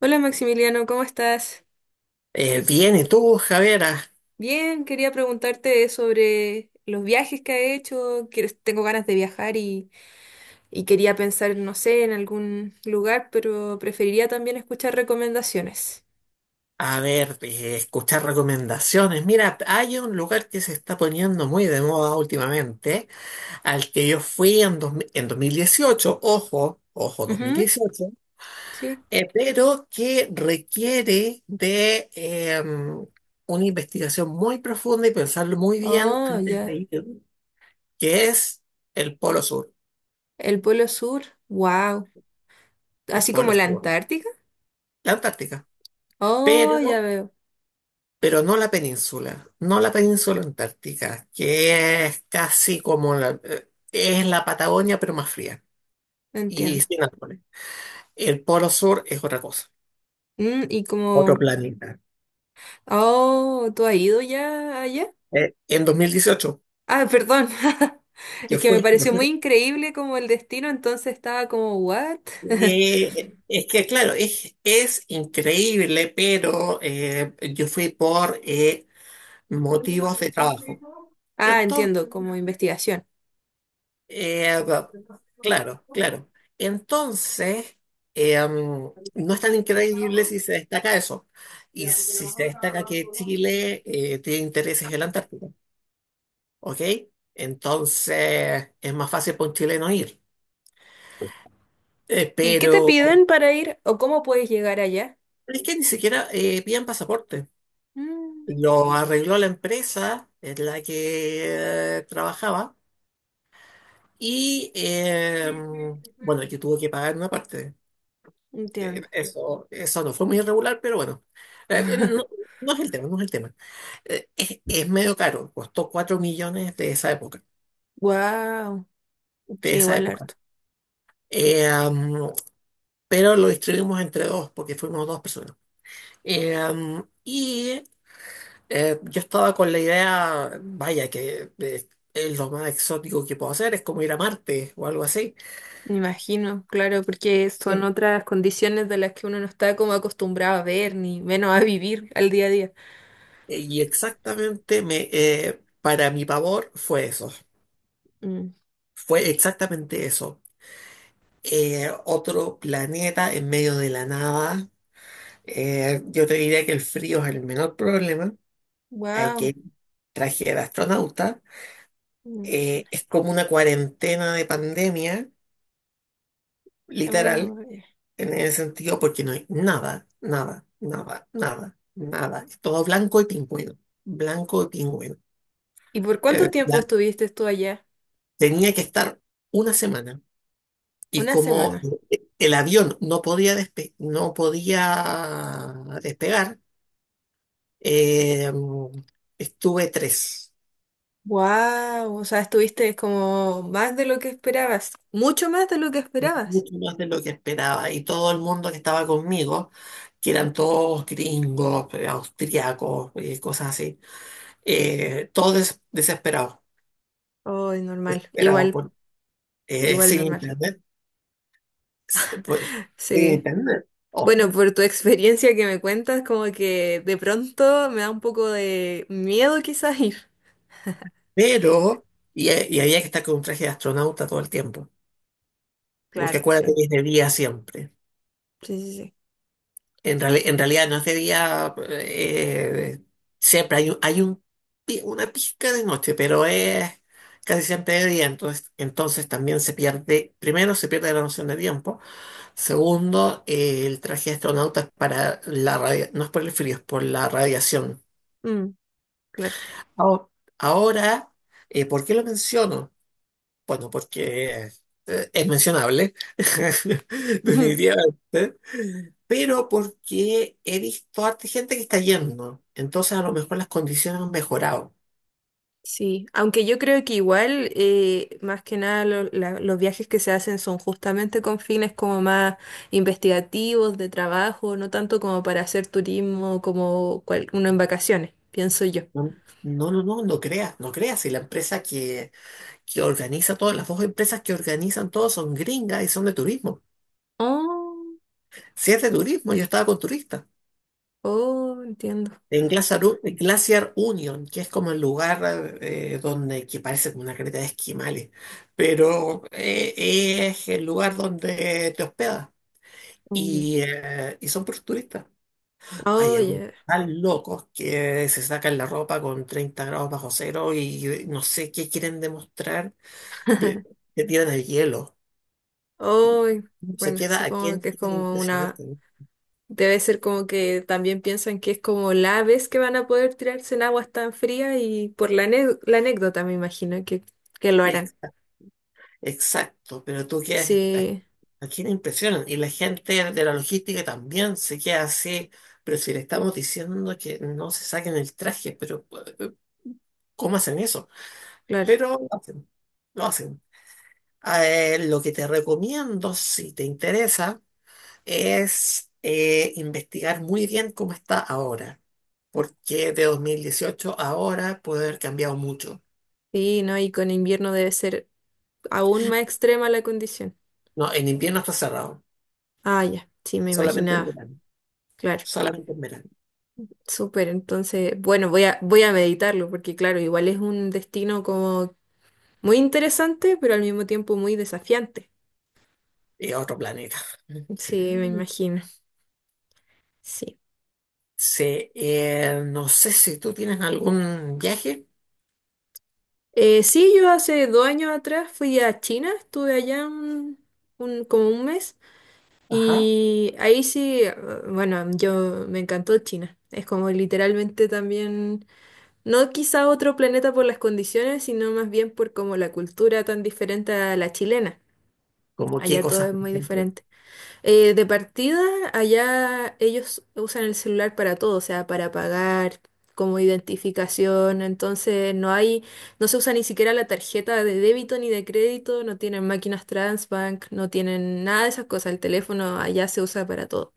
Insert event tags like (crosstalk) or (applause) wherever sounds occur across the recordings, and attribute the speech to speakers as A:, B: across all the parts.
A: Hola Maximiliano, ¿cómo estás?
B: Bien, ¿y tú, javera?
A: Bien, quería preguntarte sobre los viajes que has hecho. Tengo ganas de viajar y quería pensar, no sé, en algún lugar, pero preferiría también escuchar recomendaciones.
B: A ver, escuchar recomendaciones. Mira, hay un lugar que se está poniendo muy de moda últimamente, al que yo fui en 2018, ojo, ojo,
A: Ujú,
B: 2018,
A: sí.
B: pero que requiere de una investigación muy profunda y pensarlo muy bien
A: Oh,
B: antes de
A: ya.
B: ir, que es el Polo Sur,
A: El Polo Sur. Wow.
B: el
A: Así como
B: Polo
A: la
B: Sur,
A: Antártica.
B: la Antártica.
A: Oh, ya
B: Pero
A: veo.
B: pero no la península, no la península antártica, que es casi como la, es la Patagonia, pero más fría y
A: Entiendo.
B: sin árboles. El Polo Sur es otra cosa,
A: Mm,
B: otro planeta.
A: oh, ¿tú has ido ya allá?
B: En 2018,
A: Ah, perdón. (laughs) Es
B: yo
A: que me
B: fui, yo
A: pareció
B: fui.
A: muy increíble como el destino, entonces estaba como, ¿what? (laughs)
B: Es que, claro, es increíble, pero yo fui por motivos de trabajo.
A: Ah,
B: Entonces,
A: entiendo, como investigación.
B: Eh, ah, claro, claro. Entonces, no es tan increíble si se destaca eso. Y si se destaca que Chile tiene intereses en la Antártica, ¿ok? Entonces, es más fácil para un chileno ir.
A: ¿Y qué te
B: Pero
A: piden para ir o cómo puedes llegar allá?
B: es que ni siquiera piden pasaporte.
A: Mm,
B: Lo arregló la empresa en la que trabajaba y, bueno, que tuvo que pagar una parte.
A: entiendo.
B: Eso, eso no fue muy irregular, pero bueno. No,
A: (laughs)
B: no es el tema, no es el tema. Es medio caro, costó 4 millones de esa época,
A: Wow,
B: de
A: sí,
B: esa
A: igual
B: época.
A: harto.
B: Eh, um, pero lo distribuimos entre dos, porque fuimos dos personas. Y yo estaba con la idea, vaya, que es lo más exótico que puedo hacer, es como ir a Marte o algo así.
A: Me imagino, claro, porque son
B: Bien.
A: otras condiciones de las que uno no está como acostumbrado a ver, ni menos a vivir al día a día.
B: Y exactamente me, para mi pavor fue eso. Fue exactamente eso. Otro planeta en medio de la nada. Yo te diría que el frío es el menor problema. Hay que
A: Wow,
B: ir traje de astronauta.
A: me imagino.
B: Es como una cuarentena de pandemia,
A: Oh,
B: literal, en ese sentido, porque no hay nada, nada, nada, nada, nada. Es todo blanco y pingüino. Blanco y pingüino.
A: ¿Y por cuánto
B: Eh,
A: tiempo
B: la-
A: estuviste tú allá?
B: Tenía que estar una semana. Y
A: Una
B: como
A: semana.
B: el avión no podía despegar, Eh, estuve tres,
A: Wow, o sea, estuviste como más de lo que esperabas, mucho más de lo que esperabas.
B: mucho más de lo que esperaba. Y todo el mundo que estaba conmigo, que eran todos gringos, austriacos, cosas así, desesperados,
A: Oh, normal,
B: desesperados
A: igual,
B: por-
A: igual
B: sin
A: normal.
B: internet, pues, sin
A: Sí.
B: internet,
A: Bueno,
B: ojo.
A: por tu experiencia que me cuentas, como que de pronto me da un poco de miedo quizás ir.
B: Pero, y había que estar con un traje de astronauta todo el tiempo, porque
A: Claro,
B: acuérdate
A: sí.
B: que es de día siempre.
A: Sí, sí,
B: En realidad no es de día, siempre hay un, una pizca de noche, pero es casi siempre de día, entonces, entonces también se pierde, primero se pierde la noción de tiempo, segundo, el traje de astronauta es para la radio, no es por el frío, es por la radiación.
A: sí. Mm, claro.
B: Ahora, ahora, ¿por qué lo menciono? Bueno, porque es mencionable, (laughs)
A: (laughs)
B: definitivamente, pero porque he visto harta gente que está yendo, entonces a lo mejor las condiciones han mejorado.
A: Sí, aunque yo creo que igual, más que nada, los viajes que se hacen son justamente con fines como más investigativos, de trabajo, no tanto como para hacer turismo como uno en vacaciones, pienso yo.
B: No, no, no, no, no creas, no creas, si la empresa que organiza todas, las dos empresas que organizan todo son gringas y son de turismo.
A: Oh,
B: Si es de turismo, yo estaba con turistas.
A: oh, entiendo.
B: En Glacier Union, que es como el lugar donde que parece como una creta de esquimales, pero es el lugar donde te hospedas
A: Mm.
B: y son puros turistas. Hay
A: Oh,
B: algunos
A: yeah.
B: tan locos que se sacan la ropa con 30 grados bajo cero y no sé qué quieren demostrar, ve-
A: (laughs)
B: que tiran el hielo.
A: Oh,
B: Se
A: bueno,
B: queda a
A: supongo
B: quien
A: que es
B: quieren
A: como
B: impresionar.
A: una... Debe ser como que también piensan que es como la vez que van a poder tirarse en aguas tan frías y por la, la anécdota me imagino que lo harán.
B: Exacto, pero tú quedas,
A: Sí,
B: aquí no impresionan y la gente de la logística también se queda así, pero si le estamos diciendo que no se saquen el traje, pero eh, ¿cómo hacen eso?
A: claro.
B: Pero lo hacen, lo hacen. Lo que te recomiendo, si te interesa, es investigar muy bien cómo está ahora, porque de 2018 a ahora puede haber cambiado mucho.
A: Sí, ¿no? Y con invierno debe ser aún más extrema la condición.
B: No, en invierno está cerrado,
A: Ah, ya, sí, me
B: solamente en
A: imaginaba.
B: verano,
A: Claro,
B: solamente en verano.
A: súper. Entonces, bueno, voy a meditarlo porque, claro, igual es un destino como muy interesante, pero al mismo tiempo muy desafiante.
B: Y a otro planeta.
A: Sí, me
B: (laughs)
A: imagino. Sí.
B: Sí, no sé si tú tienes algún viaje.
A: Sí, yo hace 2 años atrás fui a China, estuve allá como un mes
B: Ajá.
A: y ahí sí, bueno, yo me encantó China. Es como literalmente también no quizá otro planeta por las condiciones, sino más bien por como la cultura tan diferente a la chilena.
B: ¿Como qué
A: Allá todo
B: cosas,
A: es
B: por
A: muy
B: ejemplo?
A: diferente. De partida, allá ellos usan el celular para todo, o sea, para pagar, como identificación. No se usa ni siquiera la tarjeta de débito ni de crédito, no tienen máquinas Transbank, no tienen nada de esas cosas. El teléfono allá se usa para todo.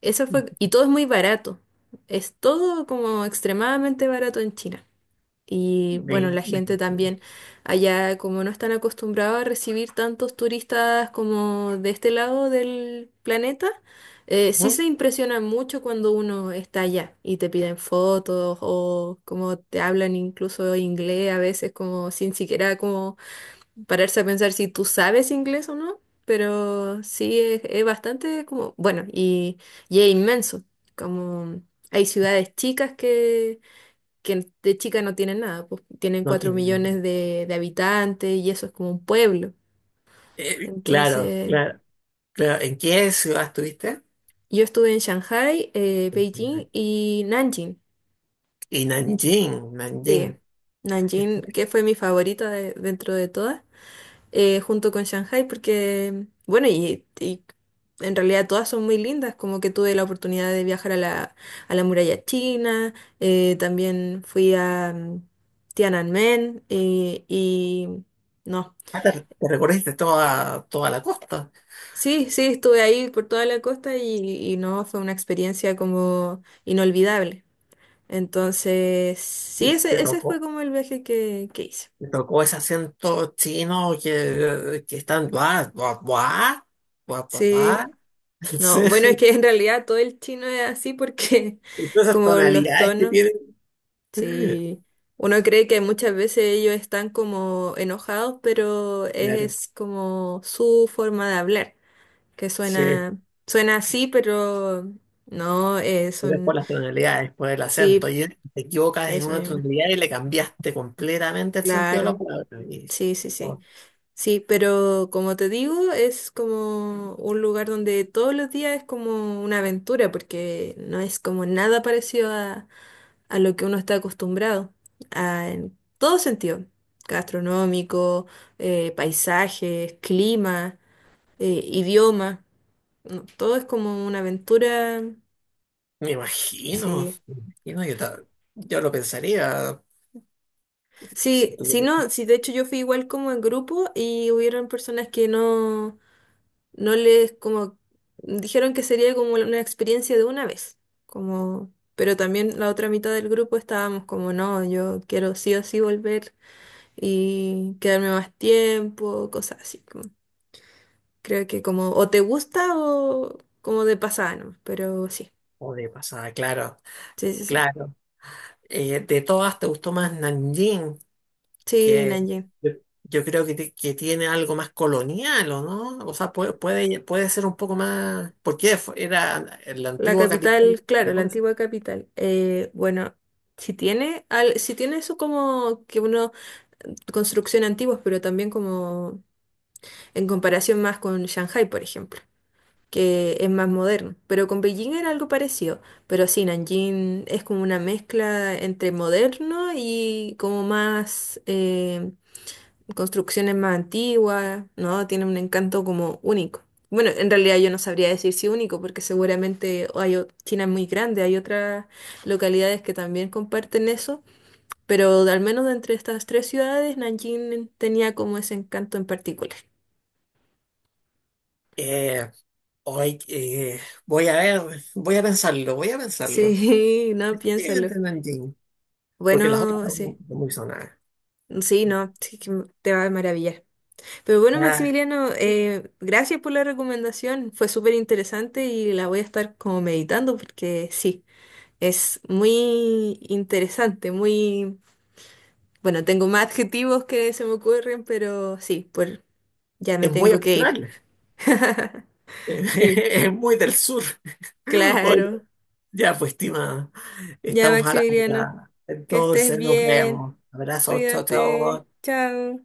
A: Eso fue, y todo es muy barato. Es todo como extremadamente barato en China. Y bueno,
B: Me-
A: la gente
B: me-
A: también allá, como no están acostumbrados a recibir tantos turistas como de este lado del planeta, sí
B: Ajá.
A: se impresionan mucho cuando uno está allá y te piden fotos o como te hablan incluso inglés a veces como sin siquiera como pararse a pensar si tú sabes inglés o no, pero sí es bastante como, bueno, y es inmenso, como hay ciudades chicas que de chica no tienen nada, pues tienen
B: No
A: cuatro
B: tiene.
A: millones de habitantes y eso es como un pueblo.
B: Claro,
A: Entonces,
B: claro, claro. ¿En qué ciudad estuviste?
A: yo estuve en Shanghai, Beijing y Nanjing.
B: Y Nanjing, Nanjing.
A: Sí, Nanjing, que fue mi favorita dentro de todas, junto con Shanghai, porque, bueno, y en realidad todas son muy lindas, como que tuve la oportunidad de viajar a la muralla china, también fui a Tiananmen y... No,
B: Ah, te, Te recorriste toda, toda la costa.
A: sí, sí, estuve ahí por toda la costa y no, fue una experiencia como inolvidable. Entonces, sí,
B: Y
A: ese fue como el viaje que hice.
B: te tocó ese acento chino que están. Guau guau guau, guau guau
A: Sí,
B: buah. (laughs) Sí.
A: no, bueno, es que en realidad todo el chino es así porque
B: Todas
A: (laughs)
B: esas
A: como los
B: tonalidades que
A: tonos,
B: tiene.
A: sí, uno cree que muchas veces ellos están como enojados, pero
B: Claro,
A: es como su forma de hablar, que
B: sí,
A: suena, suena así, pero no,
B: pero es por las tonalidades, por el
A: sí,
B: acento. Y te equivocas en
A: eso
B: una
A: mismo.
B: tonalidad y le cambiaste completamente el sentido de la
A: Claro,
B: palabra.
A: sí, sí, sí.
B: Oh,
A: Sí, pero como te digo, es como un lugar donde todos los días es como una aventura, porque no es como nada parecido a lo que uno está acostumbrado, en todo sentido, gastronómico, paisajes, clima, idioma, no, todo es como una aventura,
B: me imagino,
A: sí.
B: me imagino, yo lo pensaría. Si
A: Sí, si
B: tuviera-
A: no, sí, de hecho yo fui igual como en grupo y hubieron personas que no... no les como dijeron que sería como una experiencia de una vez, como pero también la otra mitad del grupo estábamos como no, yo quiero sí o sí volver y quedarme más tiempo, cosas así. Creo que como o te gusta o como de pasada, ¿no? Pero sí.
B: O de pasada, claro,
A: Sí, sí, sí.
B: claro. De todas, ¿te gustó más Nanjing?
A: Sí,
B: Que
A: Nanjing.
B: yo Yo creo que, que tiene algo más colonial, ¿o no? O sea, puede, puede, puede ser un poco más. Era la
A: La
B: antigua capital.
A: capital,
B: ¿Te
A: claro, la
B: acuerdas?
A: antigua capital. Bueno, si tiene eso como que uno construcción antiguas, pero también como en comparación más con Shanghai, por ejemplo, que es más moderno. Pero con Beijing era algo parecido, pero sí, Nanjing es como una mezcla entre moderno y como más construcciones más antiguas, ¿no? Tiene un encanto como único. Bueno, en realidad yo no sabría decir si único, porque seguramente China es muy grande, hay otras localidades que también comparten eso, pero al menos de entre estas tres ciudades, Nanjing tenía como ese encanto en particular.
B: Ay, eh, Voy a ver, voy a pensarlo, voy a pensarlo.
A: Sí, (laughs) no, piénsalo.
B: Definitivamente Nanjing, porque las otras
A: Bueno,
B: son muy
A: sí.
B: sonadas.
A: Sí, no, sí que te va a maravillar. Pero bueno,
B: Ya,
A: Maximiliano, gracias por la recomendación. Fue súper interesante y la voy a estar como meditando porque sí, es muy interesante, muy... Bueno, tengo más adjetivos que se me ocurren, pero sí, pues ya me
B: es muy
A: tengo que ir.
B: austral,
A: (laughs)
B: (laughs)
A: Sí,
B: es muy del sur. Oye,
A: claro.
B: ya, pues, estimada,
A: Ya,
B: estamos a la
A: Maximiliano,
B: hora.
A: que estés
B: Entonces nos
A: bien.
B: vemos. Abrazos, chao,
A: Cuídate.
B: chao.
A: Chao.